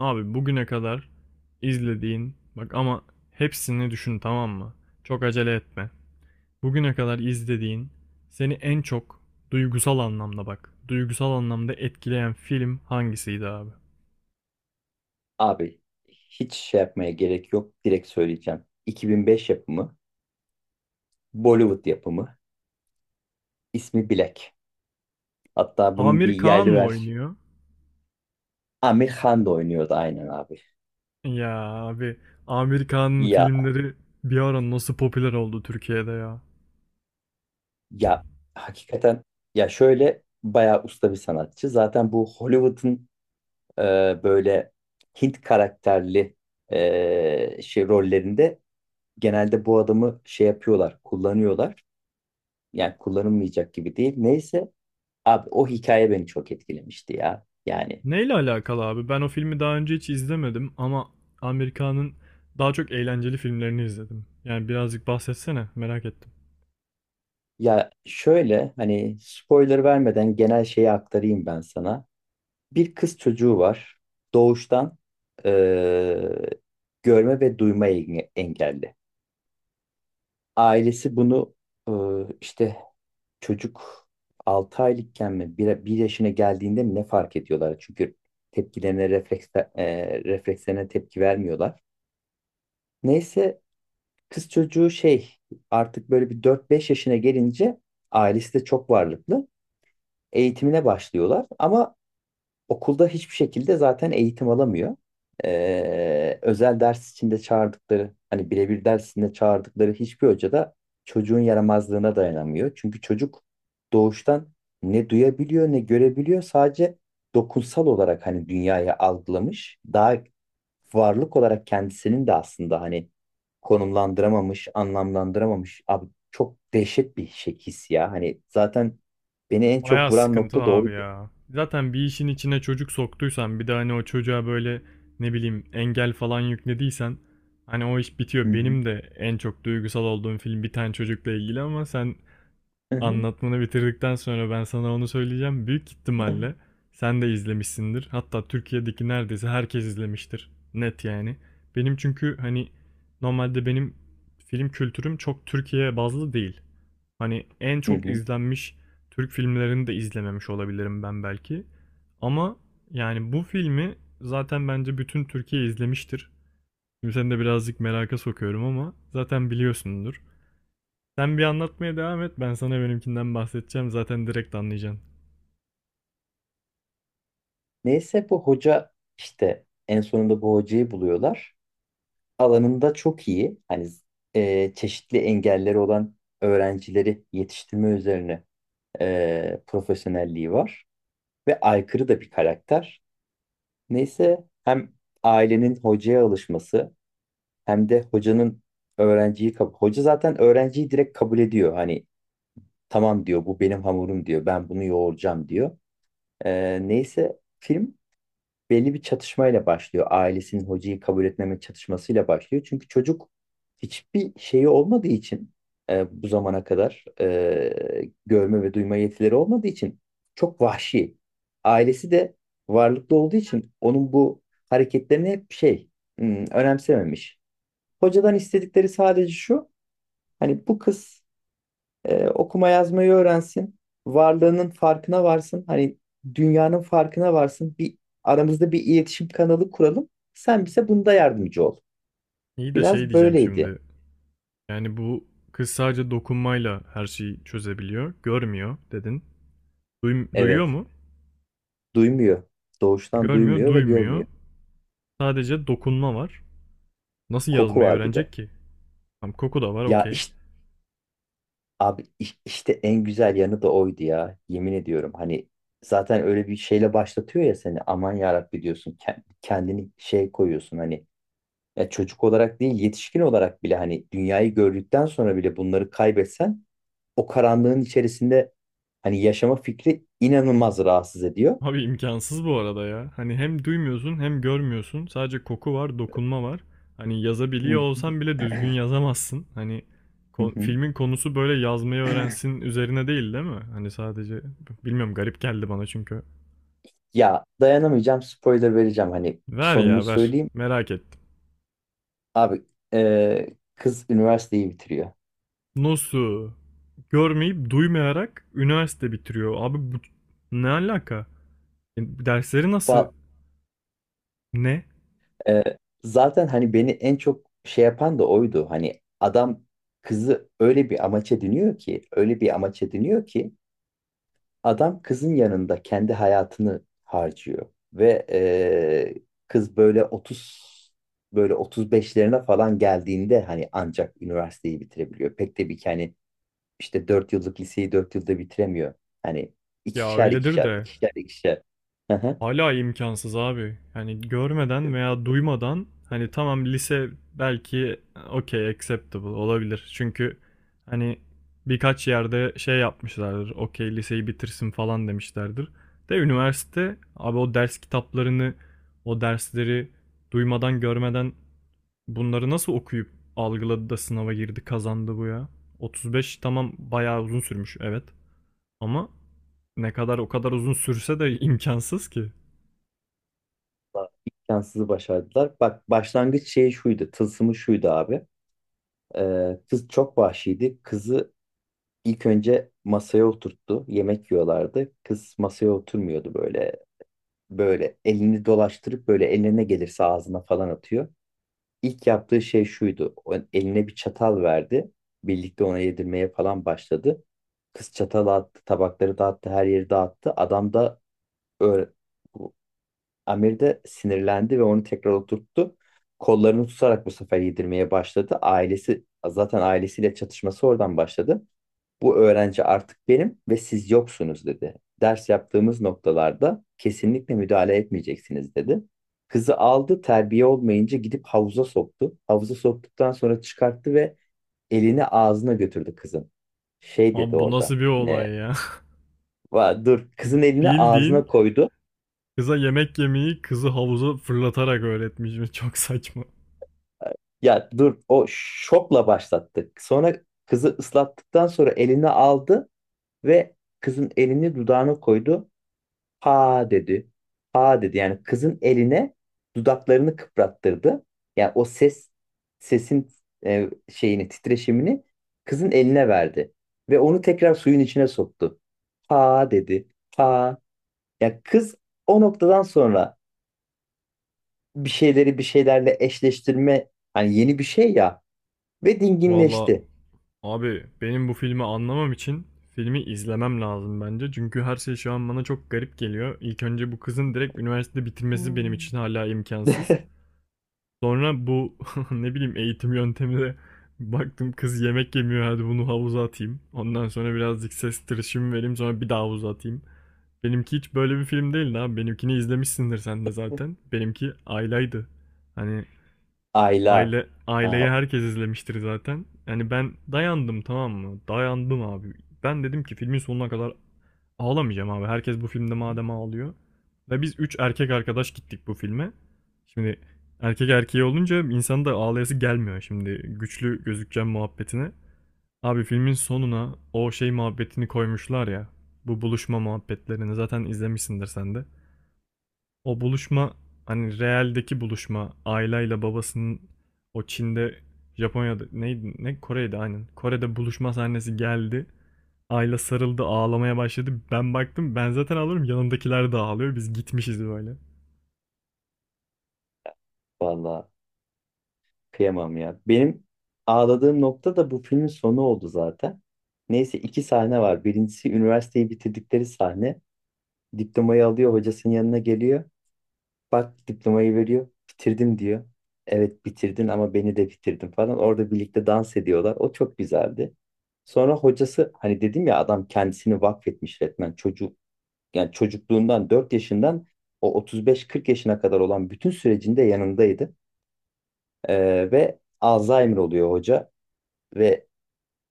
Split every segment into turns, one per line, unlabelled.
Abi bugüne kadar izlediğin bak ama hepsini düşün, tamam mı? Çok acele etme. Bugüne kadar izlediğin, seni en çok duygusal anlamda bak. Duygusal anlamda etkileyen film hangisiydi abi?
Abi hiç şey yapmaya gerek yok. Direkt söyleyeceğim. 2005 yapımı, Bollywood yapımı, ismi Black. Hatta bunun bir
Amir Kağan
yerli
mı
versiyonu.
oynuyor?
Amir Khan da oynuyordu aynen abi.
Ya abi, Amir Kağan'ın
Ya
filmleri bir ara nasıl popüler oldu Türkiye'de ya?
ya hakikaten, ya şöyle bayağı usta bir sanatçı. Zaten bu Hollywood'un e, böyle Hint karakterli şey rollerinde genelde bu adamı şey yapıyorlar, kullanıyorlar. Yani kullanılmayacak gibi değil. Neyse, abi o hikaye beni çok etkilemişti ya. Yani
Neyle alakalı abi? Ben o filmi daha önce hiç izlemedim ama Amir Kağan'ın daha çok eğlenceli filmlerini izledim. Yani birazcık bahsetsene, merak ettim.
ya şöyle hani spoiler vermeden genel şeyi aktarayım ben sana. Bir kız çocuğu var. Doğuştan eee, görme ve duyma engelli. Ailesi bunu işte çocuk 6 aylıkken mi bir yaşına geldiğinde mi ne fark ediyorlar? Çünkü tepkilerine refleks, reflekslerine tepki vermiyorlar. Neyse kız çocuğu şey artık böyle bir dört beş yaşına gelince ailesi de çok varlıklı. Eğitimine başlıyorlar ama okulda hiçbir şekilde zaten eğitim alamıyor. Özel ders içinde çağırdıkları, hani birebir dersinde çağırdıkları hiçbir hoca da çocuğun yaramazlığına dayanamıyor. Çünkü çocuk doğuştan ne duyabiliyor ne görebiliyor. Sadece dokunsal olarak hani dünyayı algılamış. Daha varlık olarak kendisinin de aslında hani konumlandıramamış, anlamlandıramamış. Abi çok dehşet bir şey his ya. Hani zaten beni en çok
Bayağı
vuran
sıkıntı
nokta da
abi
oydu.
ya. Zaten bir işin içine çocuk soktuysan, bir de hani o çocuğa böyle ne bileyim engel falan yüklediysen hani o iş
Hı
bitiyor.
hı.
Benim de en çok duygusal olduğum film bir tane çocukla ilgili, ama sen
Hı
anlatmanı bitirdikten sonra ben sana onu söyleyeceğim. Büyük
hı.
ihtimalle sen de izlemişsindir. Hatta Türkiye'deki neredeyse herkes izlemiştir. Net yani. Benim çünkü hani normalde benim film kültürüm çok Türkiye bazlı değil. Hani en
Hı
çok
hı.
izlenmiş Türk filmlerini de izlememiş olabilirim ben belki. Ama yani bu filmi zaten bence bütün Türkiye izlemiştir. Şimdi seni de birazcık meraka sokuyorum ama zaten biliyorsundur. Sen bir anlatmaya devam et, ben sana benimkinden bahsedeceğim, zaten direkt anlayacaksın.
Neyse bu hoca işte en sonunda bu hocayı buluyorlar. Alanında çok iyi. Hani çeşitli engelleri olan öğrencileri yetiştirme üzerine profesyonelliği var. Ve aykırı da bir karakter. Neyse hem ailenin hocaya alışması hem de hocanın öğrenciyi kabul... Hoca zaten öğrenciyi direkt kabul ediyor. Hani tamam diyor, bu benim hamurum diyor. Ben bunu yoğuracağım diyor. Neyse film belli bir çatışmayla başlıyor. Ailesinin hocayı kabul etmeme çatışmasıyla başlıyor. Çünkü çocuk hiçbir şeyi olmadığı için bu zamana kadar görme ve duyma yetileri olmadığı için çok vahşi. Ailesi de varlıklı olduğu için onun bu hareketlerini hep şey önemsememiş. Hocadan istedikleri sadece şu. Hani bu kız okuma yazmayı öğrensin. Varlığının farkına varsın. Hani dünyanın farkına varsın. Aramızda bir iletişim kanalı kuralım. Sen bize bunda yardımcı ol.
İyi de şey
Biraz
diyeceğim
böyleydi.
şimdi. Yani bu kız sadece dokunmayla her şeyi çözebiliyor. Görmüyor dedin. Duyuyor
Evet.
mu?
Duymuyor. Doğuştan
Görmüyor,
duymuyor ve
duymuyor.
görmüyor.
Sadece dokunma var. Nasıl
Koku
yazmayı
var bir de.
öğrenecek ki? Tam, koku da var,
Ya
okey.
işte abi işte en güzel yanı da oydu ya. Yemin ediyorum. Hani zaten öyle bir şeyle başlatıyor ya seni. Aman yarabbi diyorsun. Kendini şey koyuyorsun hani, ya çocuk olarak değil, yetişkin olarak bile hani dünyayı gördükten sonra bile bunları kaybetsen o karanlığın içerisinde hani yaşama fikri inanılmaz rahatsız ediyor.
Abi imkansız bu arada ya. Hani hem duymuyorsun hem görmüyorsun. Sadece koku var, dokunma var. Hani yazabiliyor
Hı
olsan bile düzgün yazamazsın. Hani
hı hı.
filmin konusu böyle yazmayı öğrensin üzerine değil, değil mi? Hani sadece bilmiyorum, garip geldi bana çünkü.
Ya dayanamayacağım, spoiler vereceğim, hani
Ver
sonunu
ya, ver.
söyleyeyim.
Merak ettim.
Abi e, kız üniversiteyi bitiriyor.
Nasıl? Görmeyip duymayarak üniversite bitiriyor. Abi bu ne alaka? E, Dersleri nasıl?
Fa-
Ne?
e, Zaten hani beni en çok şey yapan da oydu. Hani adam kızı öyle bir amaç ediniyor ki, öyle bir amaç ediniyor ki, adam kızın yanında kendi hayatını harcıyor ve kız böyle otuz beşlerine falan geldiğinde hani ancak üniversiteyi bitirebiliyor. Pek de bir hani işte 4 yıllık liseyi 4 yılda bitiremiyor. Hani
Ya
ikişer
öyledir
ikişer
de
ikişer ikişer. Hı hı.
hala imkansız abi. Hani görmeden veya duymadan, hani tamam, lise belki okey acceptable olabilir. Çünkü hani birkaç yerde şey yapmışlardır. Okey, liseyi bitirsin falan demişlerdir. De üniversite abi, o ders kitaplarını, o dersleri duymadan görmeden bunları nasıl okuyup algıladı da sınava girdi, kazandı bu ya? 35, tamam, bayağı uzun sürmüş, evet. Ama ne kadar o kadar uzun sürse de imkansız ki.
Bak, imkansızı başardılar. Bak başlangıç şeyi şuydu. Tılsımı şuydu abi. Kız çok vahşiydi. Kızı ilk önce masaya oturttu. Yemek yiyorlardı. Kız masaya oturmuyordu böyle, böyle elini dolaştırıp böyle eline gelirse ağzına falan atıyor. İlk yaptığı şey şuydu. O eline bir çatal verdi. Birlikte ona yedirmeye falan başladı. Kız çatalı attı, tabakları dağıttı, her yeri dağıttı. Adam da öyle, bu- Amir de sinirlendi ve onu tekrar oturttu. Kollarını tutarak bu sefer yedirmeye başladı. Ailesi zaten, ailesiyle çatışması oradan başladı. Bu öğrenci artık benim ve siz yoksunuz dedi. Ders yaptığımız noktalarda kesinlikle müdahale etmeyeceksiniz dedi. Kızı aldı, terbiye olmayınca gidip havuza soktu. Havuza soktuktan sonra çıkarttı ve elini ağzına götürdü kızın. Şey dedi
Abi bu nasıl
orada.
bir olay
Ne?
ya?
"Va- dur," kızın elini
Bildiğin
ağzına koydu.
kıza yemek yemeyi kızı havuza fırlatarak öğretmiş. Çok saçma.
Ya dur, o şokla başlattı. Sonra kızı ıslattıktan sonra elini aldı ve kızın elini dudağına koydu. Aa dedi. Aa dedi. Yani kızın eline dudaklarını kıprattırdı. Yani o ses sesin şeyini, titreşimini kızın eline verdi ve onu tekrar suyun içine soktu. Ha dedi. Ha. Ya kız o noktadan sonra bir şeyleri bir şeylerle eşleştirme, hani yeni bir şey ya, ve
Valla
dinginleşti.
abi benim bu filmi anlamam için filmi izlemem lazım bence. Çünkü her şey şu an bana çok garip geliyor. İlk önce bu kızın direkt üniversite bitirmesi benim için hala imkansız. Sonra bu ne bileyim eğitim yöntemi, baktım kız yemek yemiyor, hadi bunu havuza atayım. Ondan sonra birazcık ses tırışımı vereyim, sonra bir daha havuza atayım. Benimki hiç böyle bir film değil abi. Benimkini izlemişsindir sen de zaten. Benimki aileydi. Hani
Ayla.
aile,
Aa,
aileyi herkes izlemiştir zaten. Yani ben dayandım, tamam mı? Dayandım abi. Ben dedim ki filmin sonuna kadar ağlamayacağım abi. Herkes bu filmde madem ağlıyor. Ve biz üç erkek arkadaş gittik bu filme. Şimdi erkek erkeği olunca insanın da ağlayası gelmiyor, şimdi güçlü gözükeceğim muhabbetine. Abi filmin sonuna o şey muhabbetini koymuşlar ya. Bu buluşma muhabbetlerini zaten izlemişsindir sen de. O buluşma, hani realdeki buluşma, aileyle babasının o Çin'de, Japonya'da neydi, ne, Kore'de, aynen. Kore'de buluşma sahnesi geldi. Ayla sarıldı, ağlamaya başladı. Ben baktım, ben zaten ağlıyorum, yanımdakiler de ağlıyor. Biz gitmişiz böyle.
vallahi. Kıyamam ya. Benim ağladığım nokta da bu filmin sonu oldu zaten. Neyse iki sahne var. Birincisi üniversiteyi bitirdikleri sahne. Diplomayı alıyor, hocasının yanına geliyor. Bak diplomayı veriyor. Bitirdim diyor. Evet bitirdin ama beni de bitirdin falan. Orada birlikte dans ediyorlar. O çok güzeldi. Sonra hocası hani dedim ya, adam kendisini vakfetmiş resmen, çocuk yani çocukluğundan, 4 yaşından o 35-40 yaşına kadar olan bütün sürecinde yanındaydı. Ve Alzheimer oluyor hoca ve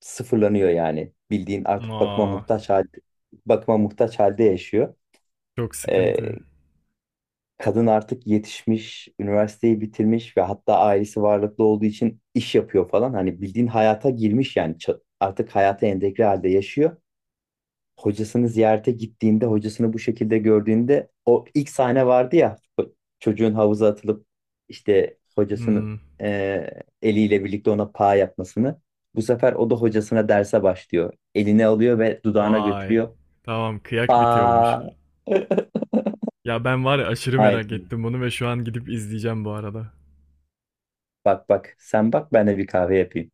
sıfırlanıyor yani. Bildiğin artık bakıma
Aa,
muhtaç halde, bakıma muhtaç halde yaşıyor.
çok
Ee,
sıkıntı.
Kadın artık yetişmiş, üniversiteyi bitirmiş ve hatta ailesi varlıklı olduğu için iş yapıyor falan. Hani bildiğin hayata girmiş yani, artık hayata entegre halde yaşıyor. Hocasını ziyarete gittiğinde, hocasını bu şekilde gördüğünde o ilk sahne vardı ya, o çocuğun havuza atılıp işte hocasının
Hmm,
eliyle birlikte ona pa yapmasını. Bu sefer o da hocasına derse başlıyor. Eline alıyor ve dudağına
vay.
götürüyor.
Tamam, kıyak bitiyormuş.
Pa.
Ya ben var ya, aşırı merak
Aynen.
ettim bunu ve şu an gidip izleyeceğim bu arada.
Bak bak sen bak, ben de bir kahve yapayım.